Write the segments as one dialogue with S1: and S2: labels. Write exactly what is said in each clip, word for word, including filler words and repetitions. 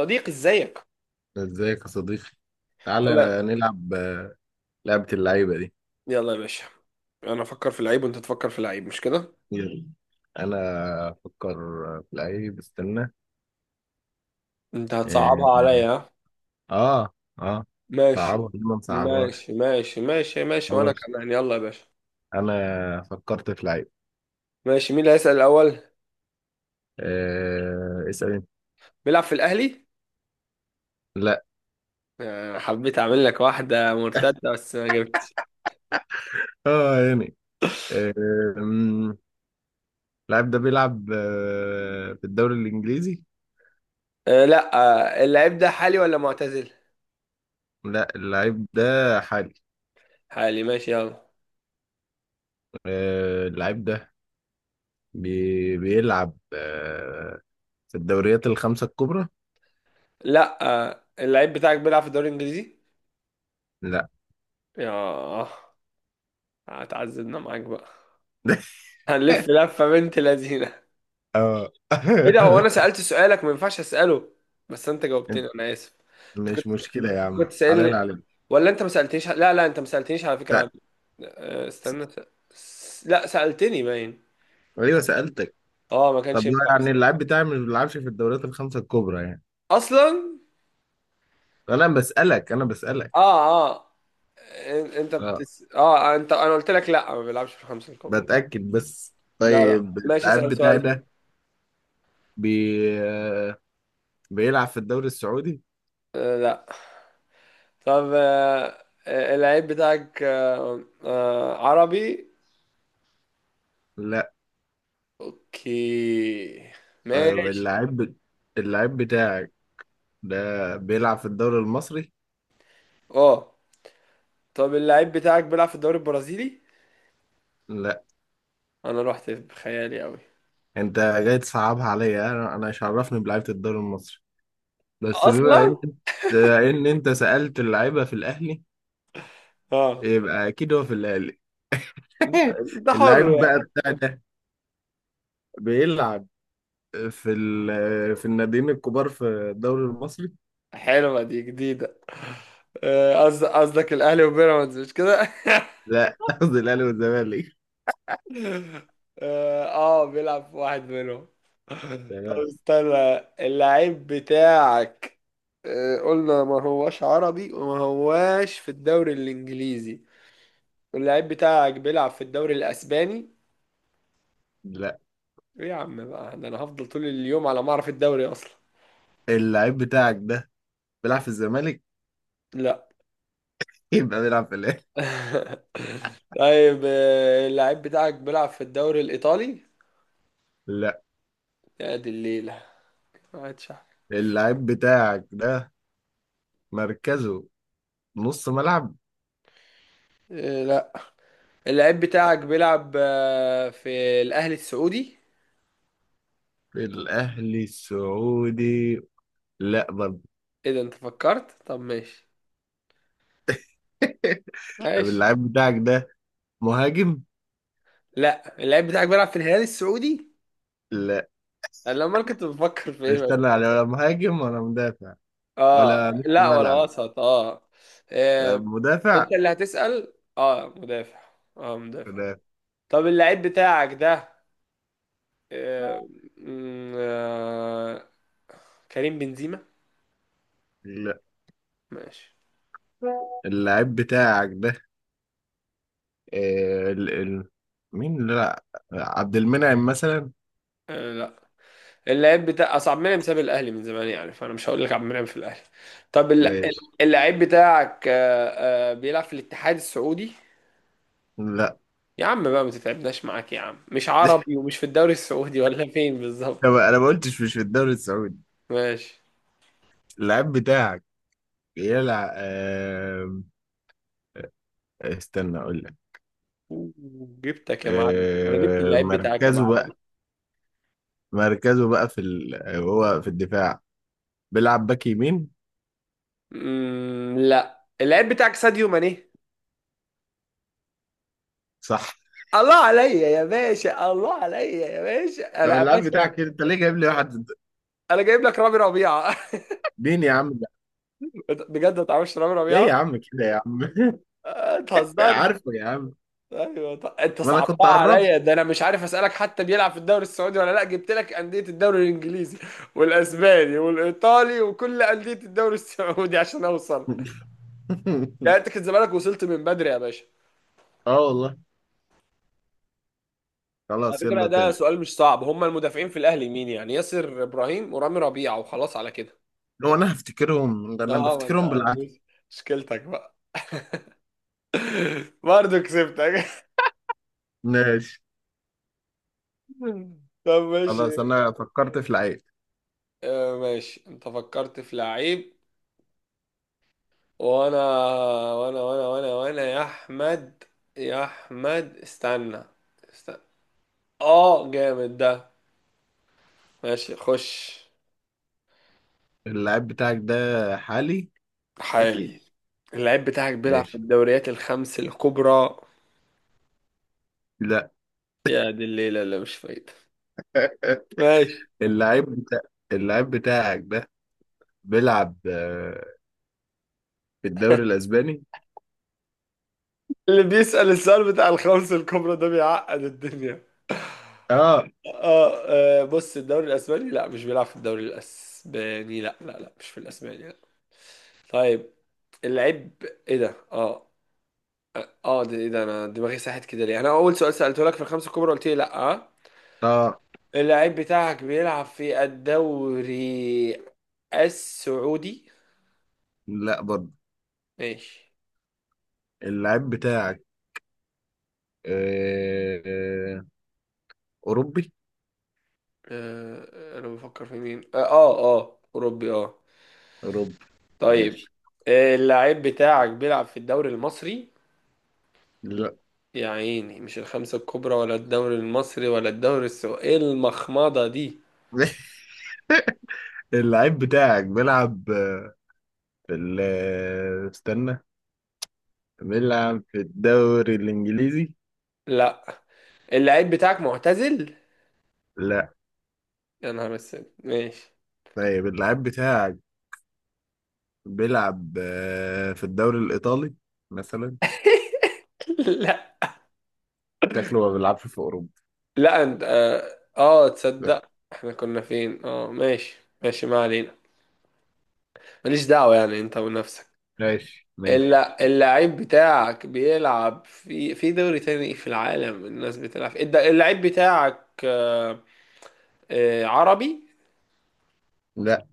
S1: صديقي، ازيك؟
S2: ازيك يا صديقي، تعالى
S1: يلا،
S2: نلعب آه، لعبة اللعيبة دي.
S1: يلا يا باشا. انا افكر في العيب وانت تفكر في العيب، مش كده؟
S2: يلا. انا افكر في لعيب، استنى.
S1: انت
S2: اه.
S1: هتصعبها عليا، ها؟
S2: اه. آه. صعبة
S1: ماشي
S2: ليه؟ ما نصعبهاش.
S1: ماشي ماشي ماشي ماشي، وانا
S2: خلاص،
S1: كمان، يلا يا باشا.
S2: انا فكرت في لعيب.
S1: ماشي، مين اللي هيسأل الاول؟
S2: آه. اسأل انت.
S1: بيلعب في الاهلي؟
S2: لا.
S1: آه، حبيت اعمل لك واحدة مرتدة بس ما جبتش.
S2: اه يعني آه. أمم، اللعيب ده بيلعب آه. في الدوري الانجليزي.
S1: أه، لا. آه، اللعيب ده حالي ولا معتزل؟
S2: لا، اللعيب ده حالي.
S1: حالي، ماشي، يلا.
S2: آه. اللعيب ده بي... بيلعب آه. في الدوريات الخمسة الكبرى.
S1: لا. آه، اللعيب بتاعك بيلعب في الدوري الانجليزي؟
S2: لا.
S1: ياه، هتعذبنا معاك بقى. هنلف لفة بنت لذينة.
S2: اه.
S1: ايه ده، هو انا سألت سؤالك ما ينفعش اسأله؟ بس انت جاوبتني،
S2: انت،
S1: انا اسف. انت كنت
S2: مش مشكلة يا عم،
S1: كنت
S2: حلال
S1: سألني؟
S2: عليك.
S1: ولا انت ما سألتنيش؟ لا، لا، انت ما سألتنيش على فكرة. عن آه،
S2: س-
S1: استنى. س... لا، سألتني باين.
S2: ايوه سألتك.
S1: اه، ما
S2: طب
S1: كانش
S2: ما
S1: ينفع
S2: يعني اللعيب بتاعي مش بيلعبش في الدوريات الخمسة الكبرى يعني.
S1: اصلا.
S2: انا بسألك، انا بسألك.
S1: اه، اه، إن- انت
S2: اه،
S1: بتس... اه انت، انا قلت لك لا، ما بيلعبش في الخمسة الكبرى.
S2: بتأكد بس.
S1: لا لا،
S2: طيب،
S1: ماشي،
S2: اللعيب
S1: اسأل
S2: بتاعي
S1: سؤال بقى.
S2: ده بي... آه، بيلعب في الدوري السعودي؟
S1: آه، لا. طب آه آه، اللعيب بتاعك آه آه عربي؟
S2: لا.
S1: اوكي،
S2: طيب،
S1: ماشي.
S2: اللعيب اللعيب بتاعك ده بيلعب في الدوري المصري؟
S1: اه، طب اللعيب بتاعك بيلعب في الدوري البرازيلي؟
S2: لا،
S1: انا رحت بخيالي قوي
S2: انت جاي تصعبها عليا. انا انا مش عرفني بلعيبة الدوري المصري، بس بما ان
S1: اصلا.
S2: بما ان انت سألت اللعيبة في الاهلي،
S1: اه،
S2: يبقى اكيد هو في الاهلي.
S1: ده ده حر
S2: اللعيب بقى
S1: يعني.
S2: بتاع ده بيلعب في ال- في الناديين الكبار في الدوري المصري.
S1: حلوه دي جديده. آه، قصد- قصدك الاهلي وبيراميدز، مش كده؟
S2: لا، قصدي الاهلي والزمالك.
S1: اه. آه، بيلعب في واحد منهم. طب
S2: تمام.
S1: استنى، اللعيب بتاعك آه، قلنا ما هواش عربي وما هواش في الدوري الانجليزي. اللعيب بتاعك بيلعب في الدوري الاسباني؟
S2: لا،
S1: ايه يا عم بقى، ده انا هفضل طول اليوم على ما اعرف الدوري اصلا.
S2: اللعيب بتاعك ده بيلعب في الزمالك؟
S1: لا.
S2: يبقى بيلعب في الاهلي.
S1: طيب، آه، اللعيب بتاعك بيلعب في الدوري الايطالي؟
S2: لا.
S1: يا دي الليله، قاعد شعر.
S2: اللعيب بتاعك ده مركزه نص ملعب.
S1: آه، لا. اللعيب بتاعك بيلعب آه، في الاهلي السعودي؟
S2: في الاهلي السعودي؟ لا برضه.
S1: ايه ده، انت فكرت، طب ماشي.
S2: طب
S1: ماشي.
S2: اللعيب بتاعك ده مهاجم؟
S1: لا. اللعيب بتاعك بيلعب في الهلال السعودي؟
S2: لا.
S1: انا امال كنت بفكر في ايه بس.
S2: استنى يعني، ولا مهاجم ولا مدافع؟ ولا
S1: اه،
S2: نص
S1: لا ولا
S2: ملعب؟
S1: وسط، اه.
S2: ولا
S1: آه، انت
S2: مدافع؟
S1: اللي هتسأل. اه، مدافع. اه، مدافع.
S2: ولا؟
S1: طب اللعيب بتاعك ده آه، م- آه، كريم بنزيما؟
S2: لا.
S1: ماشي.
S2: اللاعب بتاعك ده آه، ال... ال... مين؟ لا، عبد المنعم مثلا؟
S1: آه، لا. اللعيب بتاع، اصل عبد المنعم ساب الاهلي من زمان يعني، فانا مش هقول لك عبد المنعم في الاهلي. طب الل-
S2: ماشي.
S1: اللعيب بتاعك آه، آه، بيلعب في الاتحاد السعودي؟
S2: لا.
S1: يا عم بقى ما تتعبناش معاك يا عم، مش عربي ومش في الدوري السعودي ولا فين
S2: طب
S1: بالظبط؟
S2: انا ما قلتش مش في الدوري السعودي.
S1: ماشي.
S2: اللاعب بتاعك بيلعب آه... استنى اقول لك.
S1: أوه، جبتك يا معلم، انا جبت
S2: آه...
S1: اللعيب بتاعك يا
S2: مركزه
S1: معلم.
S2: بقى، مركزه بقى في ال... هو في الدفاع، بيلعب باك يمين.
S1: مم، لا، اللعيب بتاعك ساديو ماني؟
S2: صح.
S1: الله عليا يا باشا، الله عليا يا باشا،
S2: طب
S1: انا يا
S2: اللاعب
S1: باشا.
S2: بتاعك انت ليه جايب لي واحد؟
S1: انا جايب لك رامي ربيعه.
S2: مين يا عم؟
S1: بجد ما تعرفش رامي
S2: ليه
S1: ربيعه؟
S2: يا عم كده يا عم؟
S1: آه، اتهزرت.
S2: عارفه يا عم.
S1: ايوه، ط- انت
S2: ما انا كنت
S1: صعبتها
S2: قربت.
S1: عليا، ده انا مش عارف اسالك حتى بيلعب في الدوري السعودي ولا لا، جبت لك انديه الدوري الانجليزي والاسباني والايطالي وكل انديه الدوري السعودي عشان اوصل. لا، انت كنت زمانك وصلت من بدري يا باشا.
S2: اه والله.
S1: على
S2: خلاص،
S1: فكره،
S2: يلا
S1: ده
S2: تاني.
S1: سؤال مش صعب، هم المدافعين في الاهلي مين يعني؟ ياسر ابراهيم ورامي ربيعه، وخلاص على كده.
S2: هو انا هفتكرهم انا
S1: اه، ما انت
S2: بفتكرهم بالعافيه.
S1: مشكلتك بقى. برضه كسبتك.
S2: ماشي.
S1: طب ماشي.
S2: خلاص، انا فكرت في لعيب.
S1: آه ماشي، انت فكرت في لعيب، وانا وانا وانا وانا وانا يا احمد، يا احمد، استنى استنى. اه، جامد ده. ماشي، خش.
S2: اللعيب بتاعك ده حالي اكيد؟
S1: حالي. اللعيب بتاعك بيلعب في
S2: ماشي.
S1: الدوريات الخمس الكبرى؟
S2: لا.
S1: يا دي الليلة اللي مش فايدة. ماشي.
S2: اللعيب بتاع اللعيب بتاعك ده بيلعب آه، في الدوري الاسباني؟
S1: اللي بيسأل السؤال بتاع الخمس الكبرى ده بيعقد الدنيا.
S2: اه
S1: اه. آه، بص الدوري الاسباني لا، مش بيلعب في الدوري الاسباني، لا لا لا، مش في الاسباني، لا. طيب اللعيب، ايه ده؟ اه اه، ده ايه ده، انا دماغي ساحت كده ليه؟ انا اول سؤال سالته لك في الخمسه الكبرى قلت لي لا، آه.
S2: اه.
S1: اللعيب بتاعك بيلعب في الدوري السعودي؟
S2: لا برضه.
S1: ماشي.
S2: اللعيب بتاعك آه، آه، اوروبي؟
S1: آه آه، انا بفكر في مين، اه اه آه، اوروبي، اه.
S2: اوروبي. ماشي.
S1: طيب، آه، اللعيب بتاعك بيلعب في الدوري المصري؟
S2: لا.
S1: يا عيني، مش الخمسة الكبرى ولا الدوري المصري ولا الدوري السعودي، ايه المخمضة دي؟
S2: اللعيب بتاعك بيلعب آه، في ال آه، استنى، بيلعب في الدوري الإنجليزي؟
S1: لا. اللعيب بتاعك معتزل؟
S2: لا.
S1: يا نهار اسود، ماشي.
S2: طيب، اللعيب بتاعك بيلعب آه، في الدوري الإيطالي مثلا؟
S1: لا،
S2: شكله ما بيلعبش في أوروبا.
S1: لا. انت اه آه،
S2: لا.
S1: تصدق احنا كنا فين، اه ماشي. ماشي، ما علينا. ماليش دعوة يعني، انت ونفسك.
S2: ماشي ماشي.
S1: الا، اللعيب بتاعك بيلعب في في دوري تاني في العالم، الناس بتلعب في الد- اللعيب بتاعك آه، آه، عربي؟
S2: لا.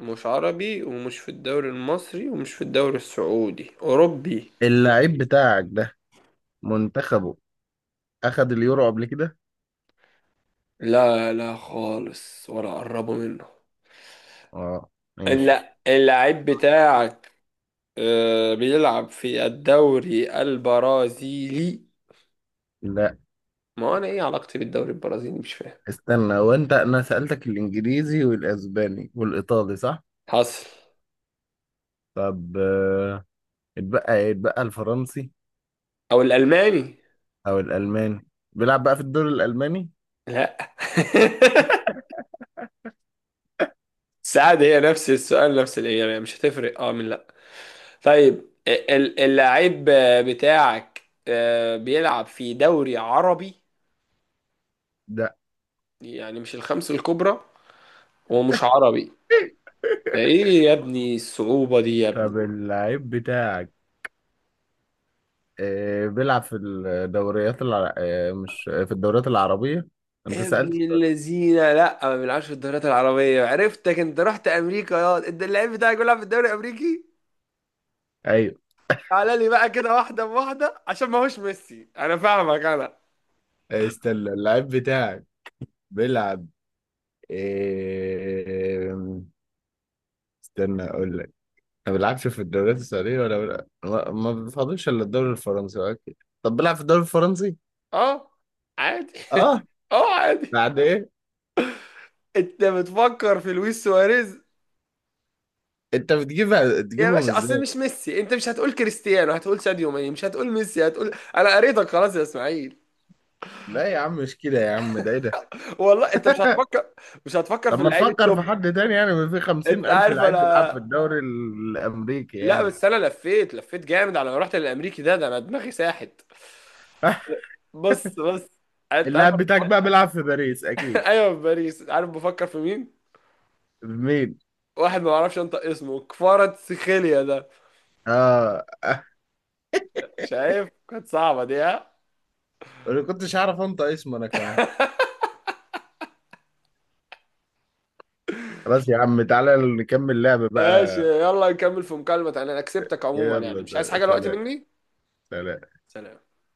S1: مش عربي ومش في الدوري المصري ومش في الدوري السعودي، أوروبي؟
S2: اللعيب بتاعك ده منتخبه أخد اليورو قبل كده؟
S1: لا، لا خالص، ولا قربوا منه.
S2: اه. ماشي.
S1: لا. اللاعب بتاعك آه، بيلعب في الدوري البرازيلي؟
S2: لا،
S1: ما هو انا ايه علاقتي بالدوري البرازيلي، مش فاهم.
S2: استنى، هو انت انا سألتك الانجليزي والاسباني والايطالي صح؟
S1: حصل.
S2: طب آه، اتبقى ايه، اتبقى الفرنسي
S1: او الالماني؟
S2: او الالماني. بيلعب بقى في الدوري الالماني
S1: لا. سعد، هي نفس السؤال نفس الاجابه، مش هتفرق اه من لا. طيب، ال- اللاعب بتاعك آه، بيلعب في دوري عربي؟
S2: ده؟
S1: يعني مش الخمس الكبرى ومش عربي، ده ايه يا ابني، الصعوبة دي يا ابني.
S2: طب اللعيب بتاعك آه، بيلعب في الدوريات الع... آه، مش في الدوريات العربية. انت
S1: يا
S2: سألت
S1: ابني
S2: السؤال.
S1: الذين لا ما بيلعبش في الدوريات العربية، عرفتك، انت رحت امريكا، يا انت اللعيب بتاعك بيلعب في الدوري الامريكي؟
S2: ايوه.
S1: تعالى لي بقى كده واحدة بواحدة، عشان ما هوش ميسي، انا فاهمك انا.
S2: آه، استنى. اللعيب بتاعك بيلعب آه، استنى اقول لك. ما بيلعبش في الدوريات السعودية، ولا بيلعب- ما ما بيفضلش الا الدوري الفرنسي. اوكي، طب بيلعب في الدوري الفرنسي؟
S1: اه، عادي.
S2: اه.
S1: اه، عادي.
S2: بعد ايه؟
S1: انت بتفكر في لويس سواريز؟
S2: انت بتجيبها
S1: يا
S2: تجيبهم
S1: باشا، اصل
S2: ازاي؟
S1: مش ميسي، انت مش هتقول كريستيانو، هتقول ساديو ماني، مش هتقول ميسي، هتقول، انا قريتك خلاص يا اسماعيل.
S2: لا يا عم مش كده يا عم. ده ايه ده؟
S1: والله انت مش هتفكر مش هتفكر
S2: طب
S1: في
S2: ما
S1: اللعيب
S2: نفكر في
S1: التوب.
S2: حد تاني يعني. ما في خمسين
S1: انت
S2: ألف
S1: عارف
S2: لعيب بيلعب
S1: انا.
S2: في الدوري الأمريكي
S1: لا،
S2: يعني.
S1: بس انا لفيت لفيت جامد على ما رحت للامريكي ده ده انا دماغي ساحت. بص بص، انت عارف
S2: اللاعب
S1: انا
S2: بتاعك
S1: بفكر.
S2: بقى بيلعب في باريس أكيد.
S1: ايوه، في باريس. عارف بفكر في مين؟
S2: مين؟
S1: واحد ما بعرفش انطق اسمه، كفارة سيخيليا ده.
S2: آه.
S1: شايف كانت صعبة دي، ها؟
S2: أنا كنتش أعرف أنت اسمه أنا كمان. خلاص يا عم، تعالى نكمل لعب
S1: ماشي،
S2: بقى.
S1: يلا نكمل في مكالمة تانية، انا كسبتك عموما يعني، مش عايز
S2: يلا،
S1: حاجة دلوقتي
S2: سلام.
S1: مني.
S2: سلام.
S1: سلام.